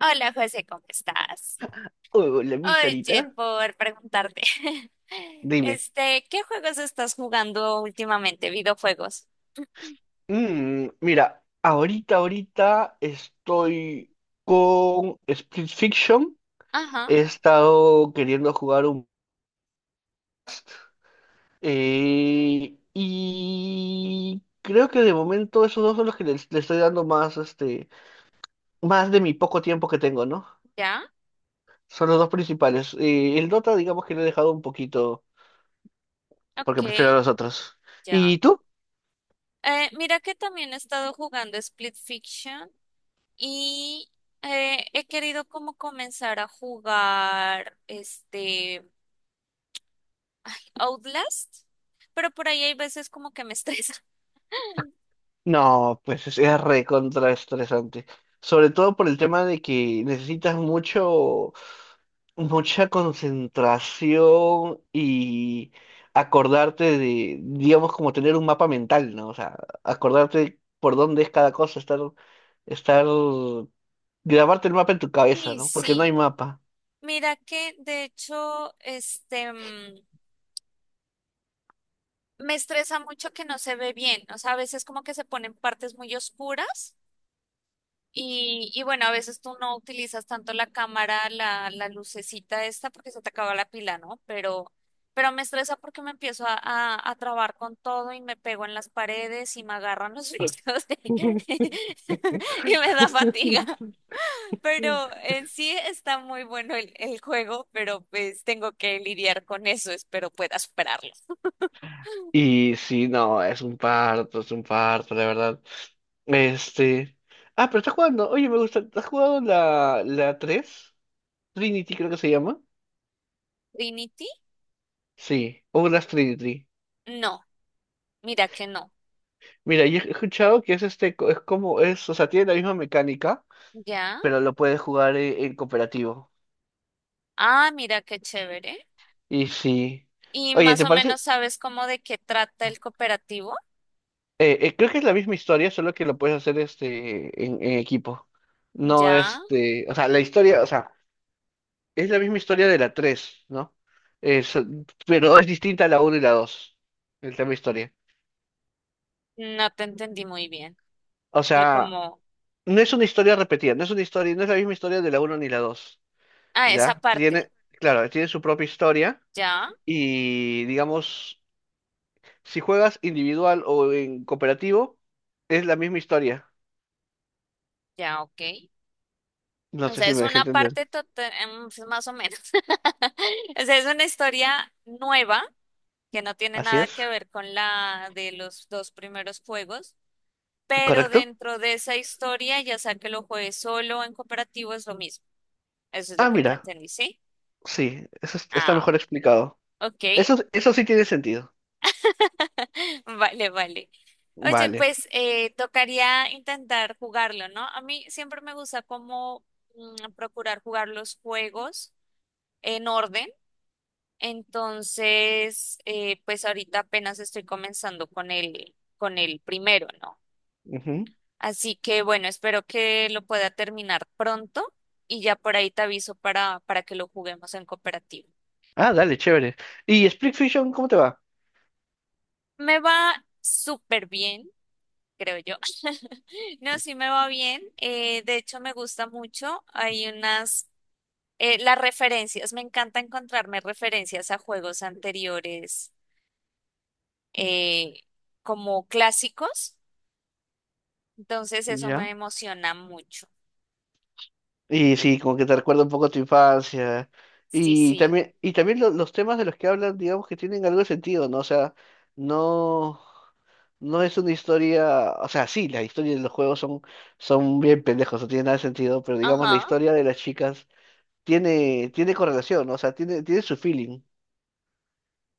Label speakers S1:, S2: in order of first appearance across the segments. S1: Hola José, ¿cómo estás?
S2: Hola, mi Sarita.
S1: Oye, por preguntarte,
S2: Dime.
S1: ¿qué juegos estás jugando últimamente? ¿Videojuegos?
S2: Mira, ahorita estoy con Split Fiction.
S1: Ajá,
S2: He estado queriendo jugar. Y creo que de momento esos dos son los que estoy dando más, más de mi poco tiempo que tengo, ¿no?
S1: ya,
S2: Son los dos principales. El Dota, digamos que lo he dejado un poquito
S1: ok,
S2: porque prefiero a los otros.
S1: ya.
S2: ¿Y tú?
S1: Mira que también he estado jugando Split Fiction y he querido como comenzar a jugar Outlast, pero por ahí hay veces como que me estresa.
S2: No, pues es recontra estresante. Sobre todo por el tema de que necesitas mucho, mucha concentración y acordarte de, digamos, como tener un mapa mental, ¿no? O sea, acordarte por dónde es cada cosa, estar, grabarte el mapa en tu cabeza,
S1: Y
S2: ¿no? Porque no hay
S1: sí,
S2: mapa.
S1: mira que de hecho, me estresa mucho que no se ve bien. O sea, a veces como que se ponen partes muy oscuras y bueno, a veces tú no utilizas tanto la cámara, la lucecita esta porque se te acaba la pila, ¿no? Pero me estresa porque me empiezo a trabar con todo y me pego en las paredes y me agarran los brillos y me da fatiga. Pero en sí está muy bueno el juego, pero pues tengo que lidiar con eso. Espero pueda superarlo.
S2: Y sí, no, es un parto, la verdad. Este. Ah, pero estás jugando. Oye, me gusta. ¿Has jugado la tres, Trinity creo que se llama?
S1: Trinity,
S2: Sí, o las Trinity.
S1: no, mira que no.
S2: Mira, yo he escuchado que es como es, o sea, tiene la misma mecánica,
S1: Ya.
S2: pero lo puedes jugar en, cooperativo.
S1: Ah, mira qué chévere.
S2: Y sí.
S1: ¿Y
S2: Oye,
S1: más
S2: ¿te
S1: o
S2: parece?
S1: menos sabes cómo de qué trata el cooperativo?
S2: Creo que es la misma historia, solo que lo puedes hacer en equipo. No
S1: Ya.
S2: este, o sea, la historia, o sea, es la misma historia de la 3, ¿no? Es, pero es distinta a la uno y la 2, el tema historia.
S1: No te entendí muy bien.
S2: O
S1: Lo
S2: sea,
S1: como,
S2: no es una historia repetida, no es una historia, no es la misma historia de la uno ni la 2.
S1: ah, esa
S2: ¿Ya?
S1: parte.
S2: Tiene, claro, tiene su propia historia
S1: Ya,
S2: y, digamos, si juegas individual o en cooperativo, es la misma historia.
S1: ya, ok.
S2: No
S1: O
S2: sé
S1: sea,
S2: si
S1: es
S2: me dejé
S1: una
S2: entender.
S1: parte pues, más o menos. O sea, es una historia nueva que no tiene
S2: Así
S1: nada
S2: es,
S1: que ver con la de los dos primeros juegos, pero
S2: ¿correcto?
S1: dentro de esa historia, ya sea que lo juegues solo o en cooperativo, es lo mismo. Eso es lo
S2: Ah,
S1: que te
S2: mira,
S1: entendí, ¿sí?
S2: sí, está
S1: Ah,
S2: mejor explicado.
S1: ok.
S2: Eso sí tiene sentido.
S1: Vale, vale. Oye,
S2: Vale.
S1: pues tocaría intentar jugarlo, ¿no? A mí siempre me gusta como procurar jugar los juegos en orden. Entonces, pues ahorita apenas estoy comenzando con con el primero, ¿no?
S2: Ujú.
S1: Así que bueno, espero que lo pueda terminar pronto y ya por ahí te aviso para que lo juguemos en cooperativo.
S2: Ah, dale, chévere. ¿Y Split Fiction, cómo te va?
S1: Me va súper bien. Creo yo. No, sí me va bien. De hecho, me gusta mucho. Las referencias, me encanta encontrarme referencias a juegos anteriores eh, como clásicos. Entonces, eso me
S2: Ya.
S1: emociona mucho.
S2: Y sí, como que te recuerda un poco a tu infancia.
S1: Sí,
S2: Y
S1: sí.
S2: también, y también los temas de los que hablan, digamos que tienen algo de sentido, ¿no? O sea, no, no es una historia, o sea, sí, las historias de los juegos son bien pendejos, no tiene nada de sentido, pero digamos la
S1: Ajá.
S2: historia de las chicas tiene correlación, ¿no? O sea, tiene su feeling,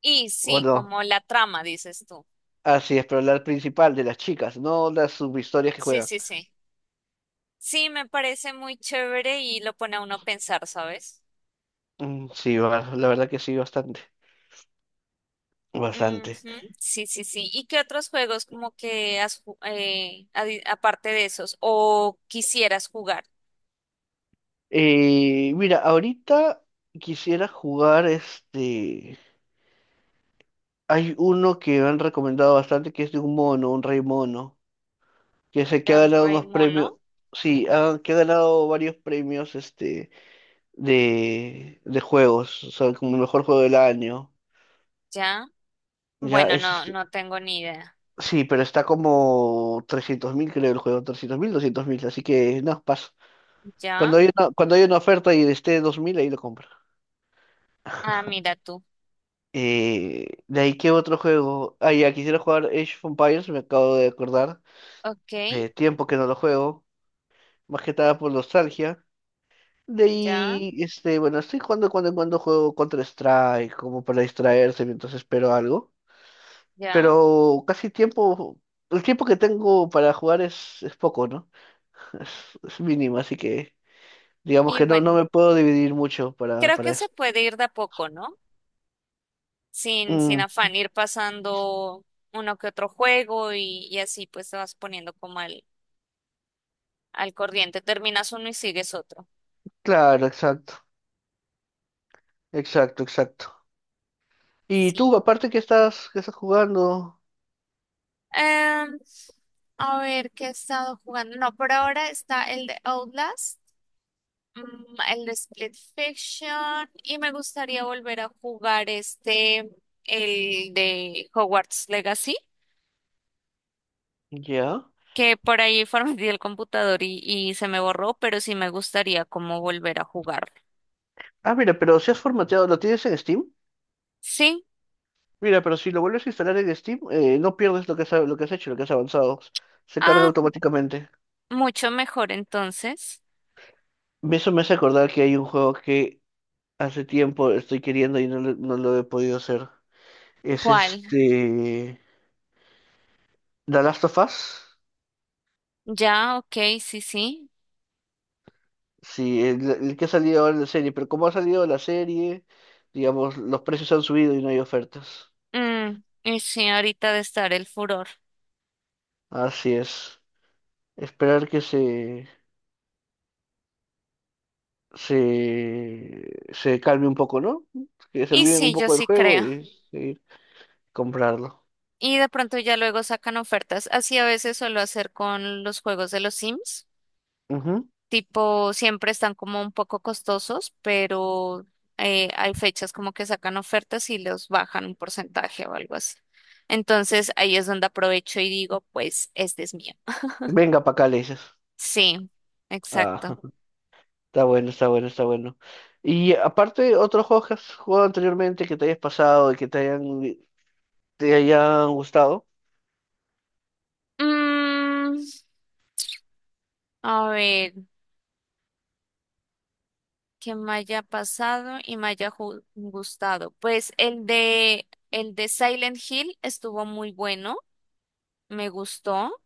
S1: Y
S2: ¿o
S1: sí,
S2: no?
S1: como la trama, dices tú.
S2: Así es, pero la principal de las chicas, no las subhistorias que
S1: Sí,
S2: juegan.
S1: sí, sí. Sí, me parece muy chévere y lo pone a uno a pensar, ¿sabes?
S2: Mm, sí, va, la verdad que sí, bastante.
S1: Ujú,
S2: Bastante.
S1: sí, sí, sí. ¿Y qué otros juegos como que aparte de esos o quisieras jugar?
S2: Mira, ahorita quisiera jugar. Hay uno que me han recomendado bastante que es de un mono, un rey mono, que es el que ha
S1: Don
S2: ganado unos
S1: Remo,
S2: premios.
S1: ¿no?
S2: Sí, que ha ganado varios premios de juegos, o sea, como mejor juego del año.
S1: Ya.
S2: Ya,
S1: Bueno, no, no tengo ni idea.
S2: sí, pero está como 300.000, creo, el juego, 300.000, 200.000, así que no, paso.
S1: Ya.
S2: Cuando hay una oferta y esté 2.000, ahí lo compro.
S1: Ah, mira tú.
S2: De ahí, ¿qué otro juego? Ah, ya, quisiera jugar Age of Empires, me acabo de acordar.
S1: Ok,
S2: Tiempo que no lo juego, más que nada por nostalgia. De
S1: ya,
S2: ahí, bueno, estoy jugando cuando en cuando juego Counter-Strike, como para distraerse mientras espero algo.
S1: ya.
S2: Pero casi tiempo, el tiempo que tengo para jugar es poco, ¿no? Es, es mínimo, así que digamos
S1: Y
S2: que no, no
S1: bueno,
S2: me puedo dividir mucho
S1: creo
S2: para
S1: que
S2: eso.
S1: se puede ir de a poco, ¿no? Sin, sin
S2: Mm,
S1: afán, ir pasando uno que otro juego y así pues te vas poniendo como al corriente. Terminas uno y sigues otro.
S2: claro, exacto, exacto, exacto. Y tú,
S1: Sí.
S2: aparte que estás jugando,
S1: Eh, a ver, ¿qué he estado jugando? No, por ahora está el de Outlast, mm, el de Split Fiction, y me gustaría volver a jugar el de Hogwarts Legacy,
S2: ya.
S1: que por ahí formateé el computador y se me borró, pero sí me gustaría como volver a jugar.
S2: Ah, mira, pero si has formateado, ¿lo tienes en Steam?
S1: Sí,
S2: Mira, pero si lo vuelves a instalar en Steam, no pierdes lo que has hecho, lo que has avanzado. Se carga
S1: ah,
S2: automáticamente.
S1: mucho mejor entonces.
S2: Eso me hace acordar que hay un juego que hace tiempo estoy queriendo y no, no lo he podido hacer. Es
S1: ¿Cuál?
S2: The Last of Us.
S1: Ya, ok, sí, sí.
S2: Sí, el que ha salido ahora en la serie. Pero como ha salido la serie, digamos, los precios han subido y no hay ofertas.
S1: Mm, y sí, ahorita de estar el furor.
S2: Así es. Esperar que se calme un poco, ¿no? Que se
S1: Y
S2: olviden un
S1: sí, yo
S2: poco del
S1: sí
S2: juego
S1: creo.
S2: y seguir comprarlo.
S1: Y de pronto ya luego sacan ofertas. Así a veces suelo hacer con los juegos de los Sims.
S2: Ujú.
S1: Tipo, siempre están como un poco costosos, pero hay fechas como que sacan ofertas y los bajan un porcentaje o algo así. Entonces ahí es donde aprovecho y digo, pues este es mío.
S2: Venga para acá, le dices.
S1: Sí, exacto.
S2: Ah, está bueno, está bueno, está bueno. Y aparte, otros juegos que has jugado anteriormente que te hayas pasado y que te hayan gustado.
S1: Mm, a ver, ¿qué me haya pasado y me gustado? Pues el de Silent Hill estuvo muy bueno, me gustó.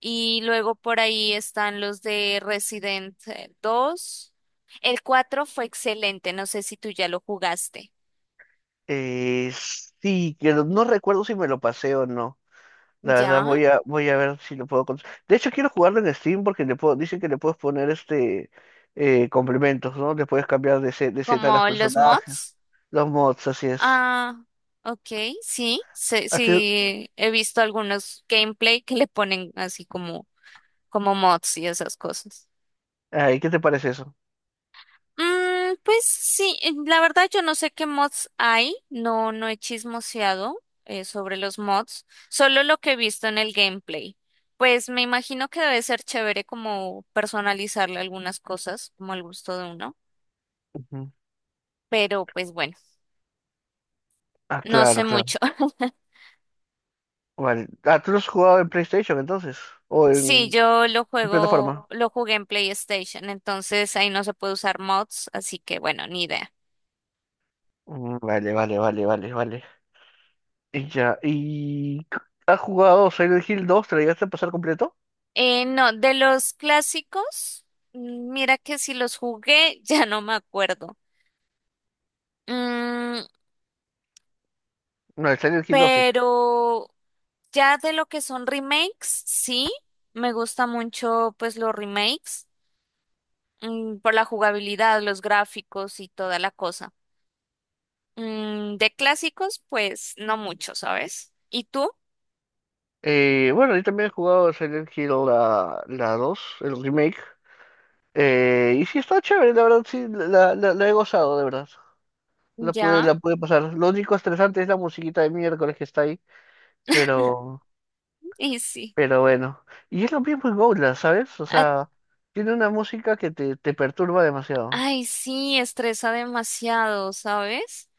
S1: Y luego por ahí están los de Resident dos. El 4 fue excelente, no sé si tú ya lo jugaste.
S2: Eh, sí, que no no recuerdo si me lo pasé o no. La verdad
S1: ¿Ya?
S2: voy a ver si lo puedo. De hecho quiero jugarlo en Steam porque dicen que le puedes poner complementos, ¿no? Le puedes cambiar de seta a los
S1: ¿Como los
S2: personajes,
S1: mods?
S2: los mods, así es.
S1: Ah, ok, sí, sí,
S2: ¿A ti-
S1: sí, he visto algunos gameplay que le ponen así como, como mods y esas cosas.
S2: ay, ¿qué te parece eso?
S1: Mm, pues sí, la verdad yo no sé qué mods hay, no, no he chismoseado sobre los mods, solo lo que he visto en el gameplay. Pues me imagino que debe ser chévere como personalizarle algunas cosas, como al gusto de uno,
S2: Ujú.
S1: pero pues bueno,
S2: Ah,
S1: no
S2: claro,
S1: sé
S2: claro.
S1: mucho.
S2: Vale. Ah, ¿tú lo has jugado en PlayStation entonces? ¿O
S1: Sí, yo lo
S2: en
S1: juego,
S2: plataforma?
S1: lo jugué en PlayStation, entonces ahí no se puede usar mods, así que bueno, ni idea.
S2: Mm, vale, vale, vale, vale, vale. Y ya, ¿y has jugado Silent Hill dos? ¿Te lo llegaste a pasar completo?
S1: No, de los clásicos, mira que si los jugué, ya no me acuerdo. Mm,
S2: No, el Silent Hill 2.
S1: pero ya de lo que son remakes, sí, me gusta mucho pues los remakes, por la jugabilidad, los gráficos y toda la cosa. Mm, de clásicos, pues no mucho, ¿sabes? ¿Y tú?
S2: Bueno, yo también he jugado Silent Hill la 2, el remake. Y sí, está chévere, la verdad, sí, la he gozado, de verdad. La pude,
S1: Ya,
S2: la pude pasar. Lo único estresante es la musiquita de miércoles que está ahí, pero,
S1: y sí.
S2: pero bueno. Y es lo mismo en Outlast, ¿sabes? O
S1: A-
S2: sea, tiene una música que te perturba demasiado.
S1: ay, sí, estresa demasiado, ¿sabes?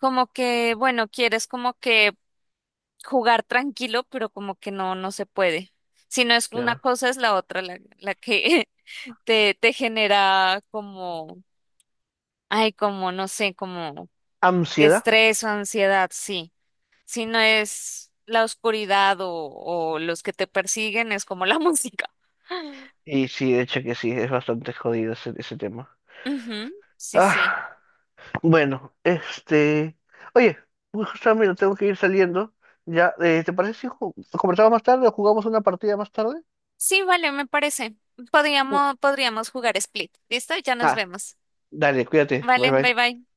S1: Como que, bueno, quieres como que jugar tranquilo, pero como que no, no se puede. Si no es una
S2: Claro.
S1: cosa, es la otra, la que te genera como, ay, como, no sé, como
S2: Ansiedad.
S1: estrés o ansiedad, sí. Si no es la oscuridad o los que te persiguen, es como la música.
S2: Y sí, de hecho que sí, es bastante jodido ese tema.
S1: Ujú, sí, sí.
S2: Ah. Bueno. Oye, justamente tengo que ir saliendo. Ya, ¿te parece si conversamos más tarde o jugamos una partida más tarde?
S1: Sí, vale, me parece. Podríamos, podríamos jugar Split. ¿Listo? Ya nos
S2: Ah,
S1: vemos.
S2: dale, cuídate. Bye
S1: Vale,
S2: bye.
S1: bye bye.